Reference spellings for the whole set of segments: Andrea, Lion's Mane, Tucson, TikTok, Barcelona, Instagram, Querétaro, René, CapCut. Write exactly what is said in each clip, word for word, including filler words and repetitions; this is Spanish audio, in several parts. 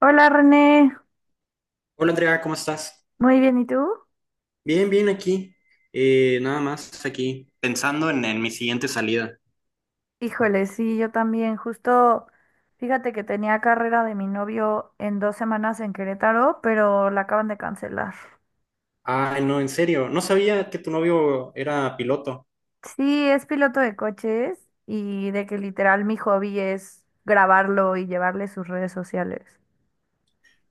Hola René, Hola Andrea, ¿cómo estás? muy bien, ¿y tú? Bien, bien aquí. Eh, nada más aquí, pensando en, en mi siguiente salida. Híjole, sí, yo también. Justo, fíjate que tenía carrera de mi novio en dos semanas en Querétaro, pero la acaban de cancelar. Ay, no, en serio, no sabía que tu novio era piloto. Sí, es piloto de coches y de que literal mi hobby es grabarlo y llevarle sus redes sociales.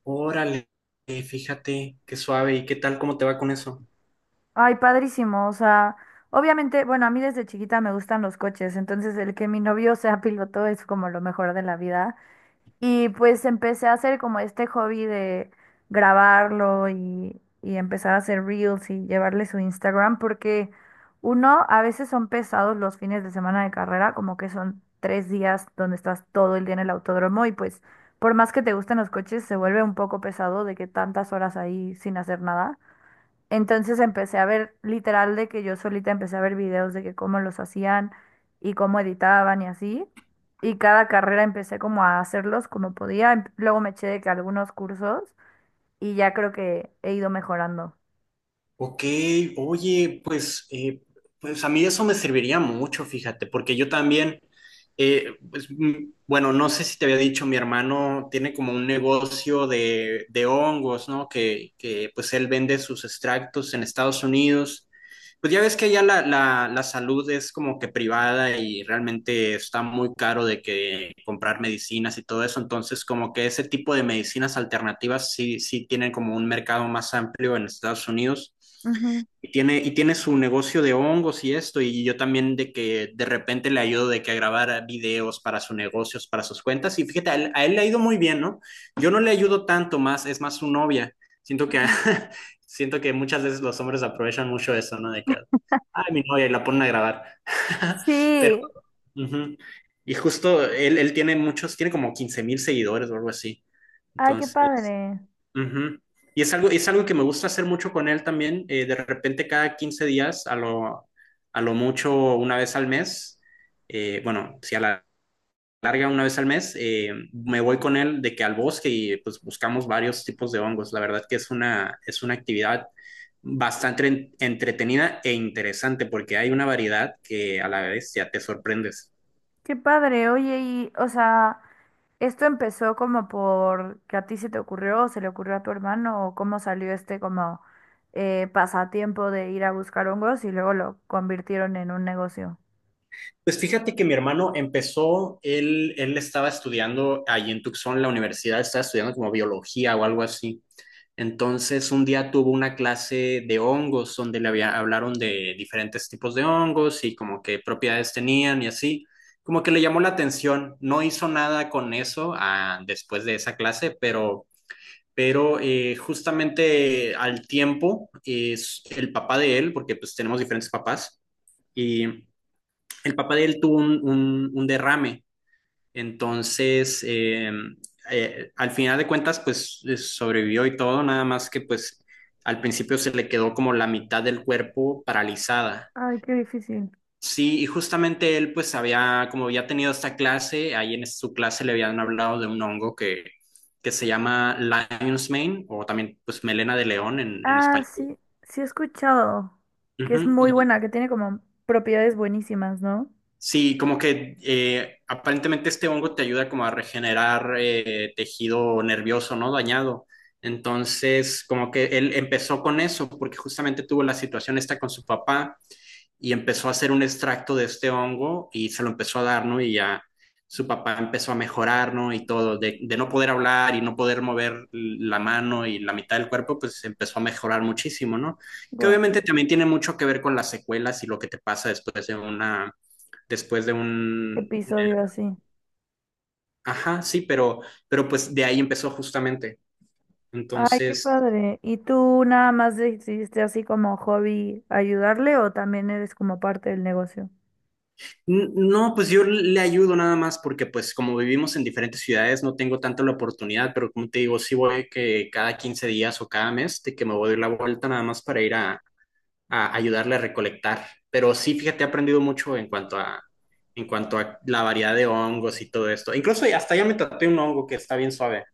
Órale, eh, fíjate, qué suave. ¿Y qué tal? ¿Cómo te va con eso? Ay, padrísimo, o sea, obviamente, bueno, a mí desde chiquita me gustan los coches, entonces el que mi novio sea piloto es como lo mejor de la vida. Y pues empecé a hacer como este hobby de grabarlo y, y empezar a hacer reels y llevarle su Instagram, porque uno, a veces son pesados los fines de semana de carrera, como que son tres días donde estás todo el día en el autódromo y pues por más que te gusten los coches, se vuelve un poco pesado de que tantas horas ahí sin hacer nada. Entonces empecé a ver, literal, de que yo solita empecé a ver videos de que cómo los hacían y cómo editaban y así. Y cada carrera empecé como a hacerlos como podía. Em- Luego me eché de que algunos cursos y ya creo que he ido mejorando. Ok, oye, pues, eh, pues a mí eso me serviría mucho, fíjate, porque yo también, eh, pues, mm, bueno, no sé si te había dicho, mi hermano tiene como un negocio de, de hongos, ¿no? Que, que pues él vende sus extractos en Estados Unidos, pues ya ves que ya la, la, la salud es como que privada y realmente está muy caro de que comprar medicinas y todo eso, entonces como que ese tipo de medicinas alternativas sí, sí tienen como un mercado más amplio en Estados Unidos. Ujú, Y tiene, y tiene su negocio de hongos y esto, y yo también de que de repente le ayudo de que a grabar videos para sus negocios, para sus cuentas, y fíjate, a él, a él le ha ido muy bien, ¿no? Yo no le ayudo tanto, más es más su novia. Siento que a, ujú. Siento que muchas veces los hombres aprovechan mucho eso, ¿no? De que, ay, mi novia, y la ponen a grabar. Pero, Sí, ujú. Y justo él, él tiene muchos, tiene como quince mil seguidores o algo así. ay, qué Entonces, padre, ujú. Y es algo, es algo que me gusta hacer mucho con él también. Eh, de repente, cada quince días, a lo, a lo mucho una vez al mes, eh, bueno, si a la larga una vez al mes, eh, me voy con él de que al bosque y pues buscamos varios tipos de hongos. La verdad que es una, es una actividad bastante entretenida e interesante porque hay una variedad que a la vez ya te sorprendes. qué padre. Oye, y, o sea, esto empezó como por que a ti se te ocurrió, o se le ocurrió a tu hermano, o cómo salió este como eh, pasatiempo de ir a buscar hongos y luego lo convirtieron en un negocio. Pues fíjate que mi hermano empezó, él, él estaba estudiando allí en Tucson, la universidad, estaba estudiando como biología o algo así. Entonces, un día tuvo una clase de hongos donde le había, hablaron de diferentes tipos de hongos y como qué propiedades tenían y así. Como que le llamó la atención. No hizo nada con eso ah, después de esa clase, pero, pero eh, justamente al tiempo es el papá de él, porque pues tenemos diferentes papás, y el papá de él tuvo un, un, un derrame. entonces, eh, eh, Al final de cuentas, pues eh, sobrevivió y todo, nada más que pues al principio se le quedó como la mitad del cuerpo paralizada. Ay, qué difícil. Sí, y justamente él pues había, como había tenido esta clase, ahí en su clase le habían hablado de un hongo que, que se llama Lion's Mane o también pues melena de león en, en Ah, español. sí, sí he escuchado que Ujú. es muy buena, que tiene como propiedades buenísimas, ¿no? Sí, como que eh, aparentemente este hongo te ayuda como a regenerar eh, tejido nervioso, ¿no? Dañado. Entonces, como que él empezó con eso porque justamente tuvo la situación esta con su papá y empezó a hacer un extracto de este hongo y se lo empezó a dar, ¿no? Y ya su papá empezó a mejorar, ¿no? Y todo, de, de no poder hablar y no poder mover la mano y la mitad del cuerpo, pues empezó a mejorar muchísimo, ¿no? Que Wow. obviamente también tiene mucho que ver con las secuelas y lo que te pasa después de una después de un... Episodio así. Ajá, sí, pero, pero pues de ahí empezó justamente. Ay, qué Entonces, padre. ¿Y tú nada más decidiste así como hobby ayudarle o también eres como parte del negocio? n- no, pues yo le ayudo nada más porque pues como vivimos en diferentes ciudades no tengo tanto la oportunidad, pero como te digo, sí voy que cada quince días o cada mes de que me voy a dar la vuelta nada más para ir a, a ayudarle a recolectar. Pero sí, fíjate, he aprendido mucho en cuanto a, en cuanto a la variedad de hongos y todo esto. Incluso hasta ya me traté un hongo que está bien suave,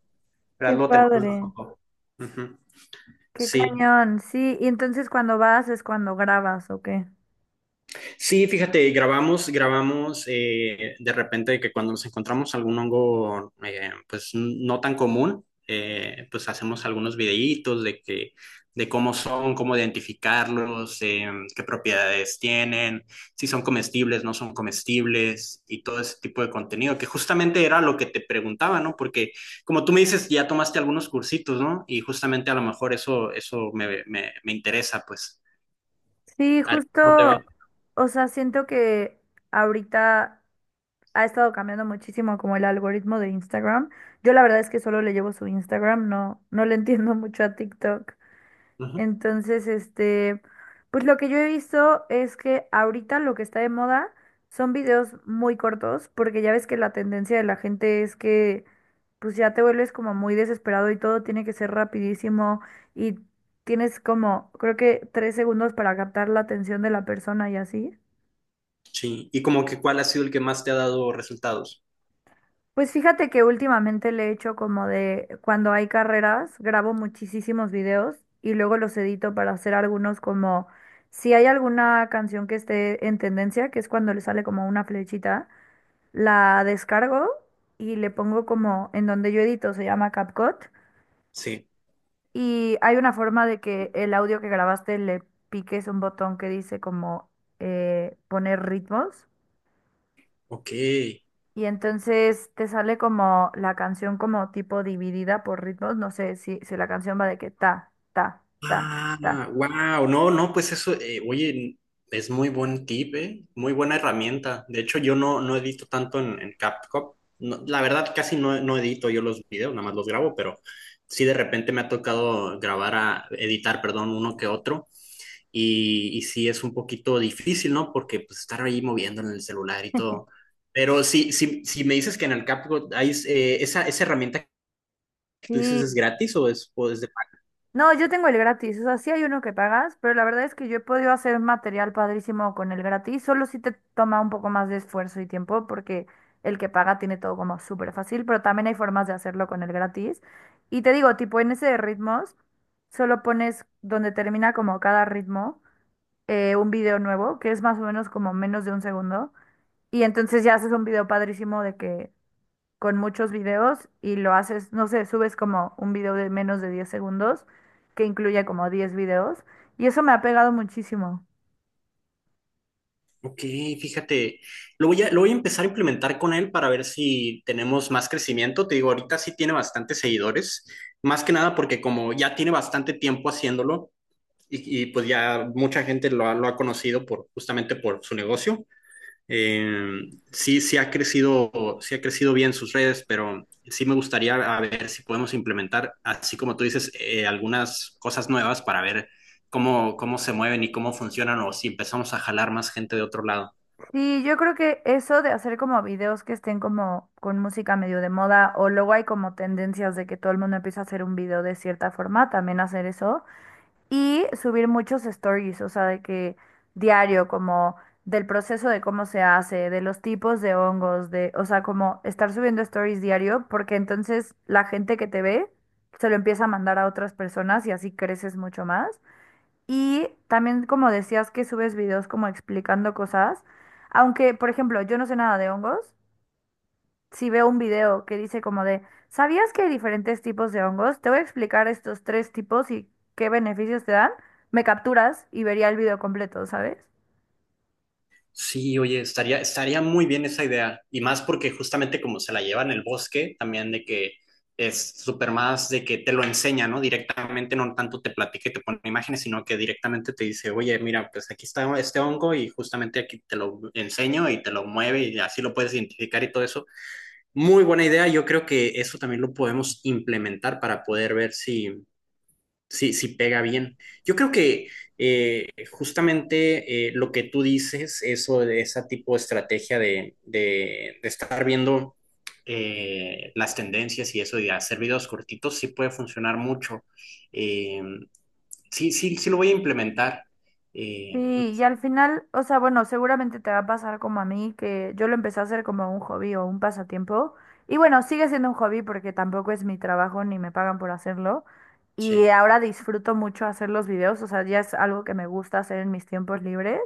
pero Qué luego te mando una padre. foto. Ujú. Qué Sí. cañón, sí, ¿y entonces cuando vas es cuando grabas, o qué? Sí, fíjate, grabamos, grabamos eh, de repente que cuando nos encontramos algún hongo, eh, pues no tan común, eh, pues hacemos algunos videitos de que, de cómo son, cómo identificarlos, eh, qué propiedades tienen, si son comestibles, no son comestibles y todo ese tipo de contenido, que justamente era lo que te preguntaba, ¿no? Porque como tú me dices, ya tomaste algunos cursitos, ¿no? Y justamente a lo mejor eso, eso me, me, me interesa, pues. Sí, ¿A ti cómo te va? justo, o sea, siento que ahorita ha estado cambiando muchísimo como el algoritmo de Instagram. Yo la verdad es que solo le llevo su Instagram, no, no le entiendo mucho a TikTok. Ujú. Entonces, este, pues lo que yo he visto es que ahorita lo que está de moda son videos muy cortos, porque ya ves que la tendencia de la gente es que pues ya te vuelves como muy desesperado y todo tiene que ser rapidísimo y tienes como, creo que tres segundos para captar la atención de la persona y así. Sí, y como que cuál ha sido el que más te ha dado resultados. Pues fíjate que últimamente le he hecho como de cuando hay carreras, grabo muchísimos videos y luego los edito para hacer algunos como si hay alguna canción que esté en tendencia, que es cuando le sale como una flechita, la descargo y le pongo como en donde yo edito, se llama CapCut Sí, y hay una forma de que el audio que grabaste le piques un botón que dice como eh, poner ritmos. ok. Y entonces te sale como la canción como tipo dividida por ritmos. No sé si, si la canción va de que ta, ta, ta, Ah, ta. wow, no, no, pues eso, eh, oye, es muy buen tip, eh, muy buena herramienta. De hecho, yo no, no edito tanto en, en CapCut. No, la verdad, casi no, no edito yo los videos, nada más los grabo, pero sí de repente me ha tocado grabar a, editar, perdón, uno que otro. y, y sí es un poquito difícil, ¿no? Porque pues estar ahí moviendo en el celular y todo. Pero sí, sí, si me dices que en el CapCut hay eh, esa, esa herramienta que tú dices, ¿es Sí. gratis o es, o es de pago? No, yo tengo el gratis. O sea, sí hay uno que pagas, pero la verdad es que yo he podido hacer material padrísimo con el gratis. Solo si te toma un poco más de esfuerzo y tiempo porque el que paga tiene todo como súper fácil, pero también hay formas de hacerlo con el gratis. Y te digo, tipo en ese de ritmos, solo pones donde termina como cada ritmo. Eh, un video nuevo, que es más o menos como menos de un segundo. Y entonces ya haces un video padrísimo de que con muchos videos y lo haces, no sé, subes como un video de menos de diez segundos, que incluye como diez videos. Y eso me ha pegado muchísimo. Ok, fíjate, lo voy a, lo voy a empezar a implementar con él para ver si tenemos más crecimiento. Te digo, ahorita sí tiene bastantes seguidores, más que nada porque como ya tiene bastante tiempo haciéndolo y, y pues ya mucha gente lo ha, lo ha conocido por, justamente por su negocio. Eh, sí, sí ha crecido, sí ha crecido bien sus redes, pero sí me gustaría a ver si podemos implementar, así como tú dices, eh, algunas cosas nuevas para ver cómo, cómo se mueven y cómo funcionan o si empezamos a jalar más gente de otro lado. Sí, yo creo que eso de hacer como videos que estén como con música medio de moda, o luego hay como tendencias de que todo el mundo empieza a hacer un video de cierta forma, también hacer eso. Y subir muchos stories, o sea, de que diario, como del proceso de cómo se hace, de los tipos de hongos, de, o sea, como estar subiendo stories diario, porque entonces la gente que te ve se lo empieza a mandar a otras personas y así creces mucho más. Y también, como decías, que subes videos como explicando cosas, aunque, por ejemplo, yo no sé nada de hongos, si veo un video que dice como de, ¿sabías que hay diferentes tipos de hongos? Te voy a explicar estos tres tipos y qué beneficios te dan. Me capturas y vería el video completo, ¿sabes? Sí, oye, estaría, estaría muy bien esa idea. Y más porque justamente como se la lleva en el bosque, también de que es súper más de que te lo enseña, ¿no? Directamente, no tanto te platica y te pone imágenes, sino que directamente te dice, oye, mira, pues aquí está este hongo y justamente aquí te lo enseño y te lo mueve y así lo puedes identificar y todo eso. Muy buena idea. Yo creo que eso también lo podemos implementar para poder ver si sí, sí pega bien. Yo creo que eh, justamente eh, lo que tú dices, eso de esa tipo de estrategia de, de- de estar viendo eh, las tendencias y eso y hacer videos cortitos, sí puede funcionar mucho. Eh, sí, sí, sí lo voy a implementar. Eh, Sí, y al final, o sea, bueno, seguramente te va a pasar como a mí, que yo lo empecé a hacer como un hobby o un pasatiempo. Y bueno, sigue siendo un hobby porque tampoco es mi trabajo ni me pagan por hacerlo. Y sí. ahora disfruto mucho hacer los videos, o sea, ya es algo que me gusta hacer en mis tiempos libres.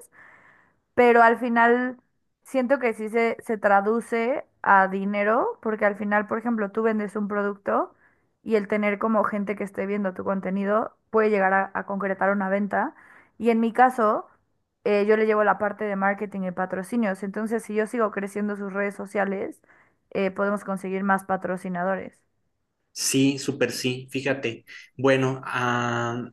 Pero al final siento que sí se, se traduce a dinero, porque al final, por ejemplo, tú vendes un producto y el tener como gente que esté viendo tu contenido puede llegar a, a concretar una venta. Y en mi caso, eh, yo le llevo la parte de marketing y patrocinios. Entonces, si yo sigo creciendo sus redes sociales, eh, podemos conseguir más patrocinadores. Sí, súper sí, fíjate. Bueno, ah,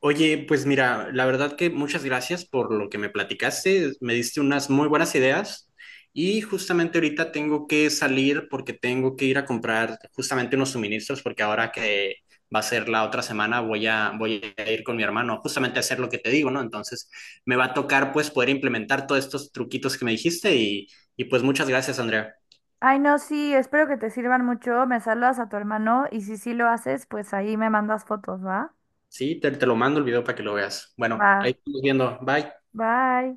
oye, pues mira, la verdad que muchas gracias por lo que me platicaste, me diste unas muy buenas ideas y justamente ahorita tengo que salir porque tengo que ir a comprar justamente unos suministros porque ahora que va a ser la otra semana voy a, voy a ir con mi hermano justamente a hacer lo que te digo, ¿no? Entonces me va a tocar pues poder implementar todos estos truquitos que me dijiste y, y pues muchas gracias, Andrea. Ay, no, sí, espero que te sirvan mucho. Me saludas a tu hermano y si sí lo haces, pues ahí me mandas fotos, ¿va? Sí, te, te lo mando el video para que lo veas. Bueno, Va, ahí estamos viendo. Bye. bye.